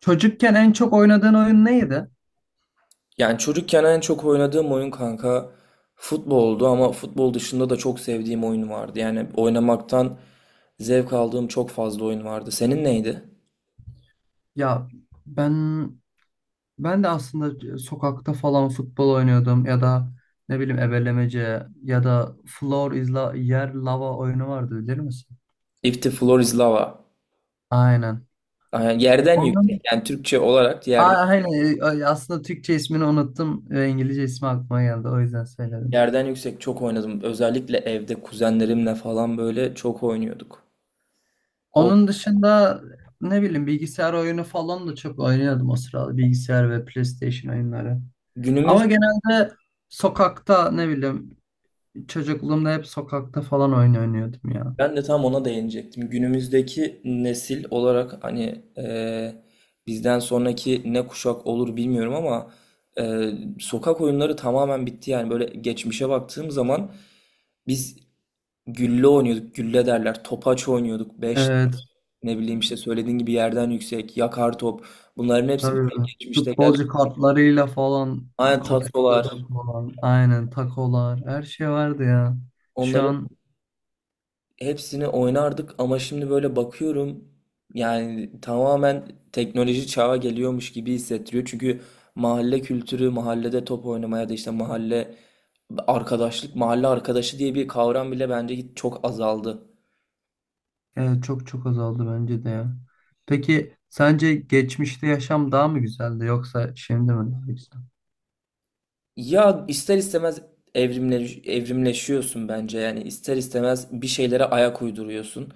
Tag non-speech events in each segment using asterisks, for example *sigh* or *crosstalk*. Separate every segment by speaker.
Speaker 1: Çocukken en çok oynadığın oyun neydi?
Speaker 2: Yani çocukken en çok oynadığım oyun kanka futboldu ama futbol dışında da çok sevdiğim oyun vardı. Yani oynamaktan zevk aldığım çok fazla oyun vardı. Senin neydi?
Speaker 1: Ya ben ben de aslında sokakta falan futbol oynuyordum ya da ne bileyim ebelemece ya da floor is la yer lava oyunu vardı bilir misin?
Speaker 2: If the Floor is Lava.
Speaker 1: Aynen.
Speaker 2: Yani yerden yüksek.
Speaker 1: Onun
Speaker 2: Yani Türkçe olarak
Speaker 1: A-
Speaker 2: yerden,
Speaker 1: aynen e, Aslında Türkçe ismini unuttum ve İngilizce ismi aklıma geldi, o yüzden söyledim.
Speaker 2: yerden yüksek çok oynadım. Özellikle evde kuzenlerimle falan böyle çok oynuyorduk. Kol-
Speaker 1: Onun dışında ne bileyim bilgisayar oyunu falan da çok oynuyordum o sırada, bilgisayar ve PlayStation oyunları.
Speaker 2: Günümüz
Speaker 1: Ama genelde sokakta ne bileyim çocukluğumda hep sokakta falan oyun oynuyordum ya.
Speaker 2: Ben de tam ona değinecektim. Günümüzdeki nesil olarak hani bizden sonraki ne kuşak olur bilmiyorum ama e, sokak oyunları tamamen bitti. Yani böyle geçmişe baktığım zaman biz gülle oynuyorduk, gülle derler, topaç oynuyorduk,
Speaker 1: Evet,
Speaker 2: ne bileyim işte söylediğin gibi yerden yüksek, yakar top. Bunların hepsi
Speaker 1: tabii.
Speaker 2: böyle geçmişte.
Speaker 1: Futbolcu kartlarıyla falan
Speaker 2: Aynen tasolar,
Speaker 1: kapıştırdık falan. Aynen, takolar, her şey vardı ya. Şu
Speaker 2: onların
Speaker 1: an
Speaker 2: hepsini oynardık ama şimdi böyle bakıyorum yani tamamen teknoloji çağa geliyormuş gibi hissettiriyor. Çünkü mahalle kültürü, mahallede top oynamaya da işte mahalle arkadaşlık, mahalle arkadaşı diye bir kavram bile bence hiç çok azaldı.
Speaker 1: Çok çok azaldı bence de ya. Peki sence geçmişte yaşam daha mı güzeldi yoksa şimdi mi daha güzel?
Speaker 2: Ya ister istemez evrimle, evrimleşiyorsun bence yani ister istemez bir şeylere ayak uyduruyorsun.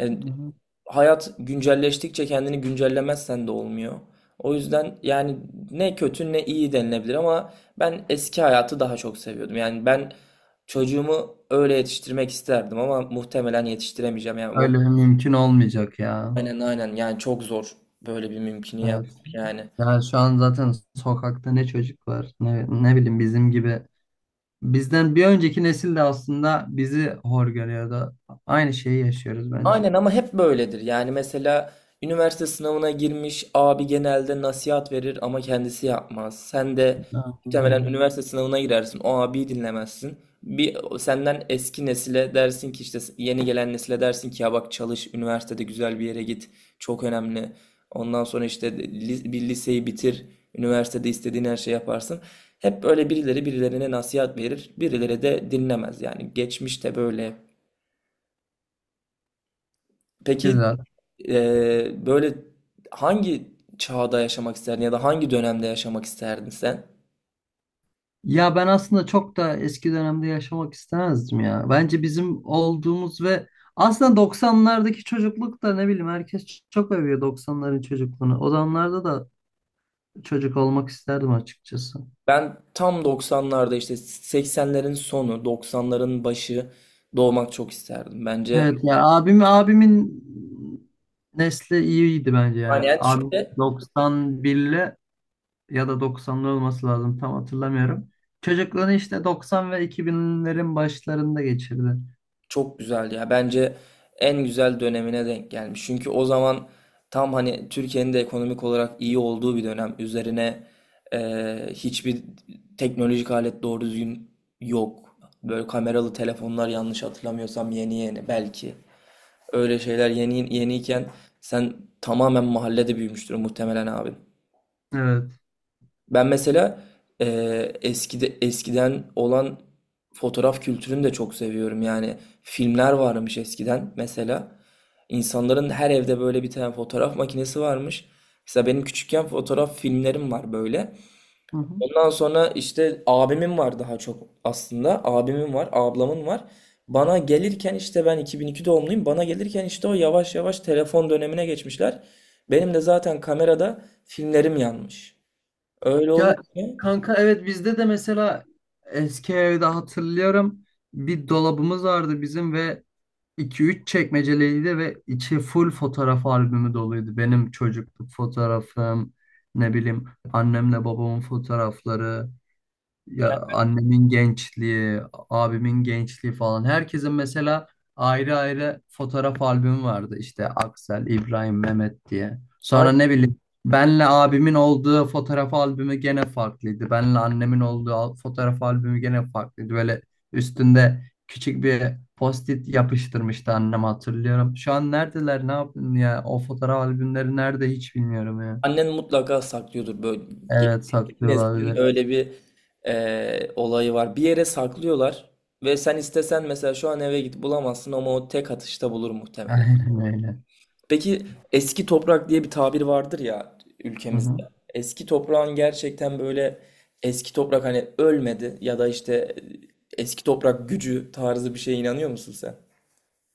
Speaker 2: E,
Speaker 1: Hı hı.
Speaker 2: Hayat güncelleştikçe kendini güncellemezsen de olmuyor. O yüzden yani ne kötü ne iyi denilebilir ama ben eski hayatı daha çok seviyordum. Yani ben çocuğumu öyle yetiştirmek isterdim ama muhtemelen yetiştiremeyeceğim.
Speaker 1: Öyle mümkün olmayacak ya.
Speaker 2: Aynen aynen yani çok zor böyle bir mümkünü
Speaker 1: Evet.
Speaker 2: yapmak yani.
Speaker 1: Yani şu an zaten sokakta ne çocuk var ne, ne bileyim bizim gibi bizden bir önceki nesil de aslında bizi hor görüyordu. Aynı şeyi yaşıyoruz bence.
Speaker 2: Aynen ama hep böyledir. Yani mesela üniversite sınavına girmiş abi genelde nasihat verir ama kendisi yapmaz. Sen de
Speaker 1: Aynen
Speaker 2: muhtemelen
Speaker 1: öyle.
Speaker 2: üniversite sınavına girersin. O abiyi dinlemezsin. Bir senden eski nesile dersin ki işte yeni gelen nesile dersin ki ya bak çalış üniversitede güzel bir yere git. Çok önemli. Ondan sonra işte bir liseyi bitir. Üniversitede istediğin her şeyi yaparsın. Hep böyle birileri birilerine nasihat verir. Birileri de dinlemez yani. Geçmişte böyle. Peki,
Speaker 1: Güzel.
Speaker 2: Böyle hangi çağda yaşamak isterdin ya da hangi dönemde yaşamak isterdin sen?
Speaker 1: Ya ben aslında çok da eski dönemde yaşamak istemezdim ya. Bence bizim olduğumuz ve aslında 90'lardaki çocukluk da, ne bileyim, herkes çok övüyor 90'ların çocukluğunu. O zamanlarda da çocuk olmak isterdim açıkçası.
Speaker 2: Ben tam 90'larda işte 80'lerin sonu, 90'ların başı doğmak çok isterdim. Bence
Speaker 1: Evet ya, abimin nesli iyiydi bence
Speaker 2: hani
Speaker 1: yani.
Speaker 2: yani
Speaker 1: Abim
Speaker 2: şöyle.
Speaker 1: 91'li ya da doksanlı olması lazım, tam hatırlamıyorum. Çocukluğunu işte 90 ve iki binlerin başlarında geçirdi.
Speaker 2: Çok güzel ya. Bence en güzel dönemine denk gelmiş. Çünkü o zaman tam hani Türkiye'nin de ekonomik olarak iyi olduğu bir dönem. Üzerine hiçbir teknolojik alet doğru düzgün yok. Böyle kameralı telefonlar yanlış hatırlamıyorsam yeni yeni belki. Öyle şeyler yeni yeniyken sen tamamen mahallede büyümüştür muhtemelen abin.
Speaker 1: Evet.
Speaker 2: Ben mesela eskiden olan fotoğraf kültürünü de çok seviyorum. Yani filmler varmış eskiden mesela. İnsanların her evde böyle bir tane fotoğraf makinesi varmış. Mesela benim küçükken fotoğraf filmlerim var böyle.
Speaker 1: Hı hı.
Speaker 2: Ondan sonra işte abimin var daha çok aslında. Abimin var, ablamın var. Bana gelirken işte ben 2002 doğumluyum. Bana gelirken işte o yavaş yavaş telefon dönemine geçmişler. Benim de zaten kamerada filmlerim yanmış. Öyle
Speaker 1: Ya
Speaker 2: olunca
Speaker 1: kanka, evet, bizde de mesela eski evde hatırlıyorum, bir dolabımız vardı bizim ve iki üç çekmeceliydi ve içi full fotoğraf albümü doluydu. Benim çocukluk fotoğrafım, ne bileyim, annemle babamın fotoğrafları, ya
Speaker 2: Yani
Speaker 1: annemin gençliği, abimin gençliği falan. Herkesin mesela ayrı ayrı fotoğraf albümü vardı. İşte Aksel, İbrahim, Mehmet diye.
Speaker 2: an-
Speaker 1: Sonra ne bileyim benle abimin olduğu fotoğraf albümü gene farklıydı. Benle annemin olduğu fotoğraf albümü gene farklıydı. Böyle üstünde küçük bir post-it yapıştırmıştı annem, hatırlıyorum. Şu an neredeler, ne yaptın ya? O fotoğraf albümleri nerede, hiç bilmiyorum ya.
Speaker 2: Annen mutlaka saklıyordur böyle ge-
Speaker 1: Evet, saklıyor
Speaker 2: neslin
Speaker 1: olabilir.
Speaker 2: öyle bir olayı var. Bir yere saklıyorlar ve sen istesen mesela şu an eve git bulamazsın ama o tek atışta bulur
Speaker 1: *laughs*
Speaker 2: muhtemelen.
Speaker 1: Aynen öyle.
Speaker 2: Peki, eski toprak diye bir tabir vardır ya
Speaker 1: Hı
Speaker 2: ülkemizde.
Speaker 1: hı.
Speaker 2: Eski toprağın gerçekten böyle eski toprak hani ölmedi ya da işte eski toprak gücü tarzı bir şeye inanıyor musun sen?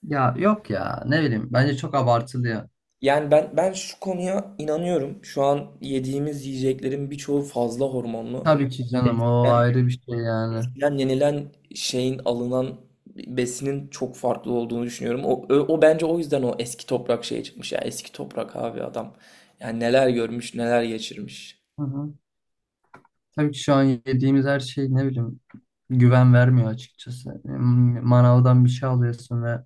Speaker 1: Ya yok ya, ne bileyim, bence çok abartılı ya.
Speaker 2: Yani ben şu konuya inanıyorum. Şu an yediğimiz yiyeceklerin birçoğu fazla hormonlu.
Speaker 1: Tabii ki canım, o ayrı bir şey yani.
Speaker 2: Yenilen yenilen şeyin alınan besinin çok farklı olduğunu düşünüyorum. O bence o yüzden o eski toprak şeye çıkmış ya. Eski toprak abi adam. Yani neler görmüş, neler geçirmiş.
Speaker 1: Hı hı. Tabii ki şu an yediğimiz her şey, ne bileyim, güven vermiyor açıkçası. Manavdan bir şey alıyorsun ve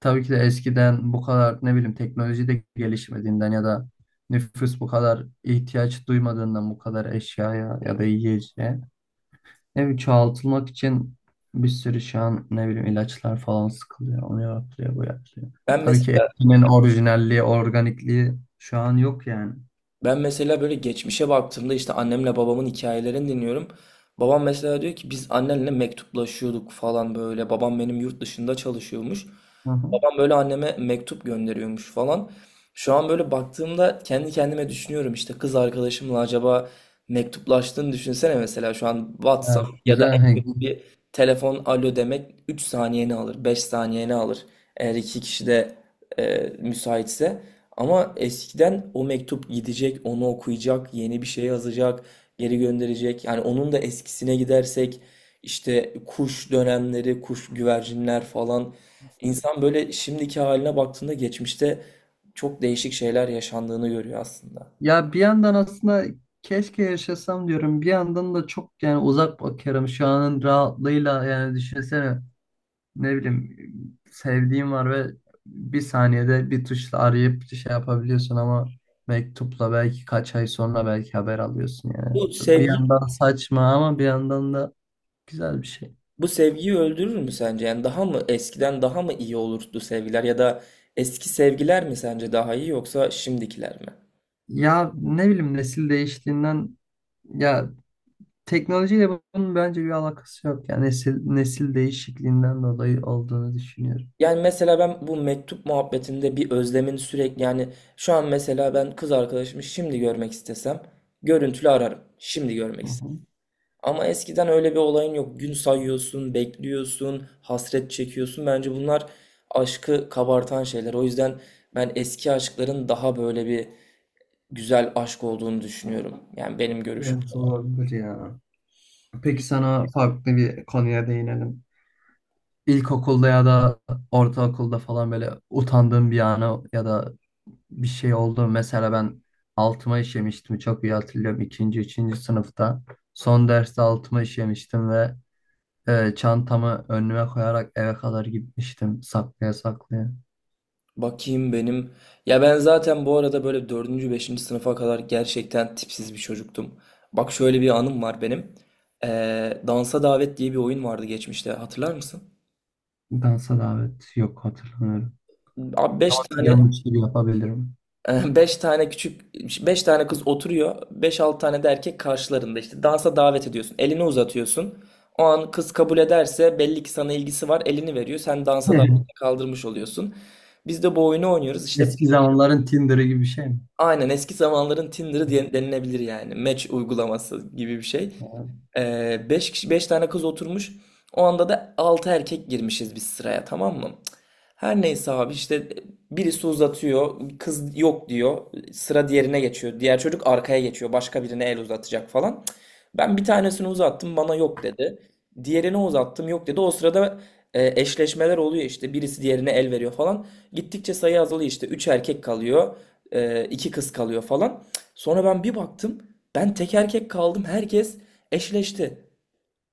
Speaker 1: tabii ki de eskiden bu kadar ne bileyim teknoloji de gelişmediğinden ya da nüfus bu kadar ihtiyaç duymadığından bu kadar eşyaya ya da yiyeceğe. Ne bileyim, çoğaltılmak için bir sürü şu an ne bileyim ilaçlar falan sıkılıyor. Onu yapıyor, bu yapıyor.
Speaker 2: Ben
Speaker 1: Tabii ki
Speaker 2: mesela
Speaker 1: etkinin orijinalliği, organikliği şu an yok yani.
Speaker 2: Ben mesela böyle geçmişe baktığımda işte annemle babamın hikayelerini dinliyorum. Babam mesela diyor ki biz annenle mektuplaşıyorduk falan böyle. Babam benim yurt dışında çalışıyormuş.
Speaker 1: Hı hı.
Speaker 2: Babam böyle anneme mektup gönderiyormuş falan. Şu an böyle baktığımda kendi kendime düşünüyorum işte kız arkadaşımla acaba mektuplaştığını düşünsene mesela şu an WhatsApp
Speaker 1: Evet,
Speaker 2: ya da
Speaker 1: güzel.
Speaker 2: en
Speaker 1: Hey.
Speaker 2: kötü bir telefon alo demek 3 saniyeni alır, 5 saniyeni alır. Eğer iki kişi de müsaitse. Ama eskiden o mektup gidecek, onu okuyacak, yeni bir şey yazacak, geri gönderecek. Yani onun da eskisine gidersek işte kuş dönemleri, kuş güvercinler falan. İnsan böyle şimdiki haline baktığında geçmişte çok değişik şeyler yaşandığını görüyor aslında.
Speaker 1: Ya bir yandan aslında keşke yaşasam diyorum. Bir yandan da çok, yani uzak bakıyorum şu anın rahatlığıyla, yani düşünsene, ne bileyim, sevdiğim var ve bir saniyede bir tuşla arayıp şey yapabiliyorsun ama mektupla belki kaç ay sonra belki haber alıyorsun yani.
Speaker 2: Bu
Speaker 1: Bir
Speaker 2: sevgi,
Speaker 1: yandan saçma ama bir yandan da güzel bir şey.
Speaker 2: Bu sevgiyi öldürür mü sence? Yani daha mı eskiden daha mı iyi olurdu sevgiler ya da eski sevgiler mi sence daha iyi yoksa şimdikiler mi?
Speaker 1: Ya ne bileyim, nesil değiştiğinden ya, teknolojiyle bunun bence bir alakası yok. Yani nesil değişikliğinden dolayı olduğunu düşünüyorum.
Speaker 2: Yani mesela ben bu mektup muhabbetinde bir özlemin sürekli yani şu an mesela ben kız arkadaşımı şimdi görmek istesem görüntülü ararım. Şimdi görmek
Speaker 1: Hı
Speaker 2: istesem.
Speaker 1: hı.
Speaker 2: Ama eskiden öyle bir olayın yok. Gün sayıyorsun, bekliyorsun, hasret çekiyorsun. Bence bunlar aşkı kabartan şeyler. O yüzden ben eski aşkların daha böyle bir güzel aşk olduğunu düşünüyorum. Yani benim görüşüm.
Speaker 1: Evet, olabilir ya. Peki sana farklı bir konuya değinelim. İlkokulda ya da ortaokulda falan böyle utandığın bir anı ya da bir şey oldu. Mesela ben altıma işemiştim. Çok iyi hatırlıyorum. İkinci, üçüncü sınıfta. Son derste altıma işemiştim ve çantamı önüme koyarak eve kadar gitmiştim. Saklaya saklaya.
Speaker 2: Bakayım benim. Ya ben zaten bu arada böyle dördüncü, beşinci sınıfa kadar gerçekten tipsiz bir çocuktum. Bak şöyle bir anım var benim. Dansa Davet diye bir oyun vardı geçmişte. Hatırlar mısın?
Speaker 1: Dansa davet, yok, hatırlamıyorum.
Speaker 2: Abi beş
Speaker 1: Ama
Speaker 2: tane
Speaker 1: biliyormuş gibi yapabilirim.
Speaker 2: *laughs* 5 tane küçük 5 tane kız oturuyor. Beş altı tane de erkek karşılarında işte dansa davet ediyorsun. Elini uzatıyorsun. O an kız kabul ederse belli ki sana ilgisi var. Elini veriyor. Sen dansa davet
Speaker 1: *laughs*
Speaker 2: kaldırmış oluyorsun. Biz de bu oyunu oynuyoruz. İşte.
Speaker 1: Eski zamanların Tinder'ı gibi bir şey mi?
Speaker 2: Aynen eski zamanların Tinder'ı diye denilebilir yani. Match uygulaması gibi bir şey. Beş kişi, beş tane kız oturmuş. O anda da altı erkek girmişiz biz sıraya, tamam mı? Her neyse abi işte birisi uzatıyor, kız yok diyor, sıra diğerine geçiyor. Diğer çocuk arkaya geçiyor, başka birine el uzatacak falan. Ben bir tanesini uzattım, bana yok dedi. Diğerine uzattım, yok dedi. O sırada eşleşmeler oluyor işte, birisi diğerine el veriyor falan. Gittikçe sayı azalıyor işte, üç erkek kalıyor, iki kız kalıyor falan. Sonra ben bir baktım, ben tek erkek kaldım, herkes eşleşti.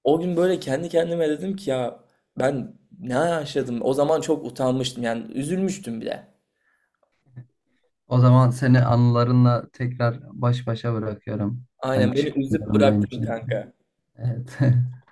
Speaker 2: O gün böyle kendi kendime dedim ki ya ben ne yaşadım? O zaman çok utanmıştım yani üzülmüştüm bile.
Speaker 1: O zaman seni anılarınla tekrar baş başa bırakıyorum. Ben
Speaker 2: Aynen beni üzüp
Speaker 1: çıkmalarındayım,
Speaker 2: bıraktın
Speaker 1: zorundayım çünkü.
Speaker 2: kanka.
Speaker 1: Evet. *laughs*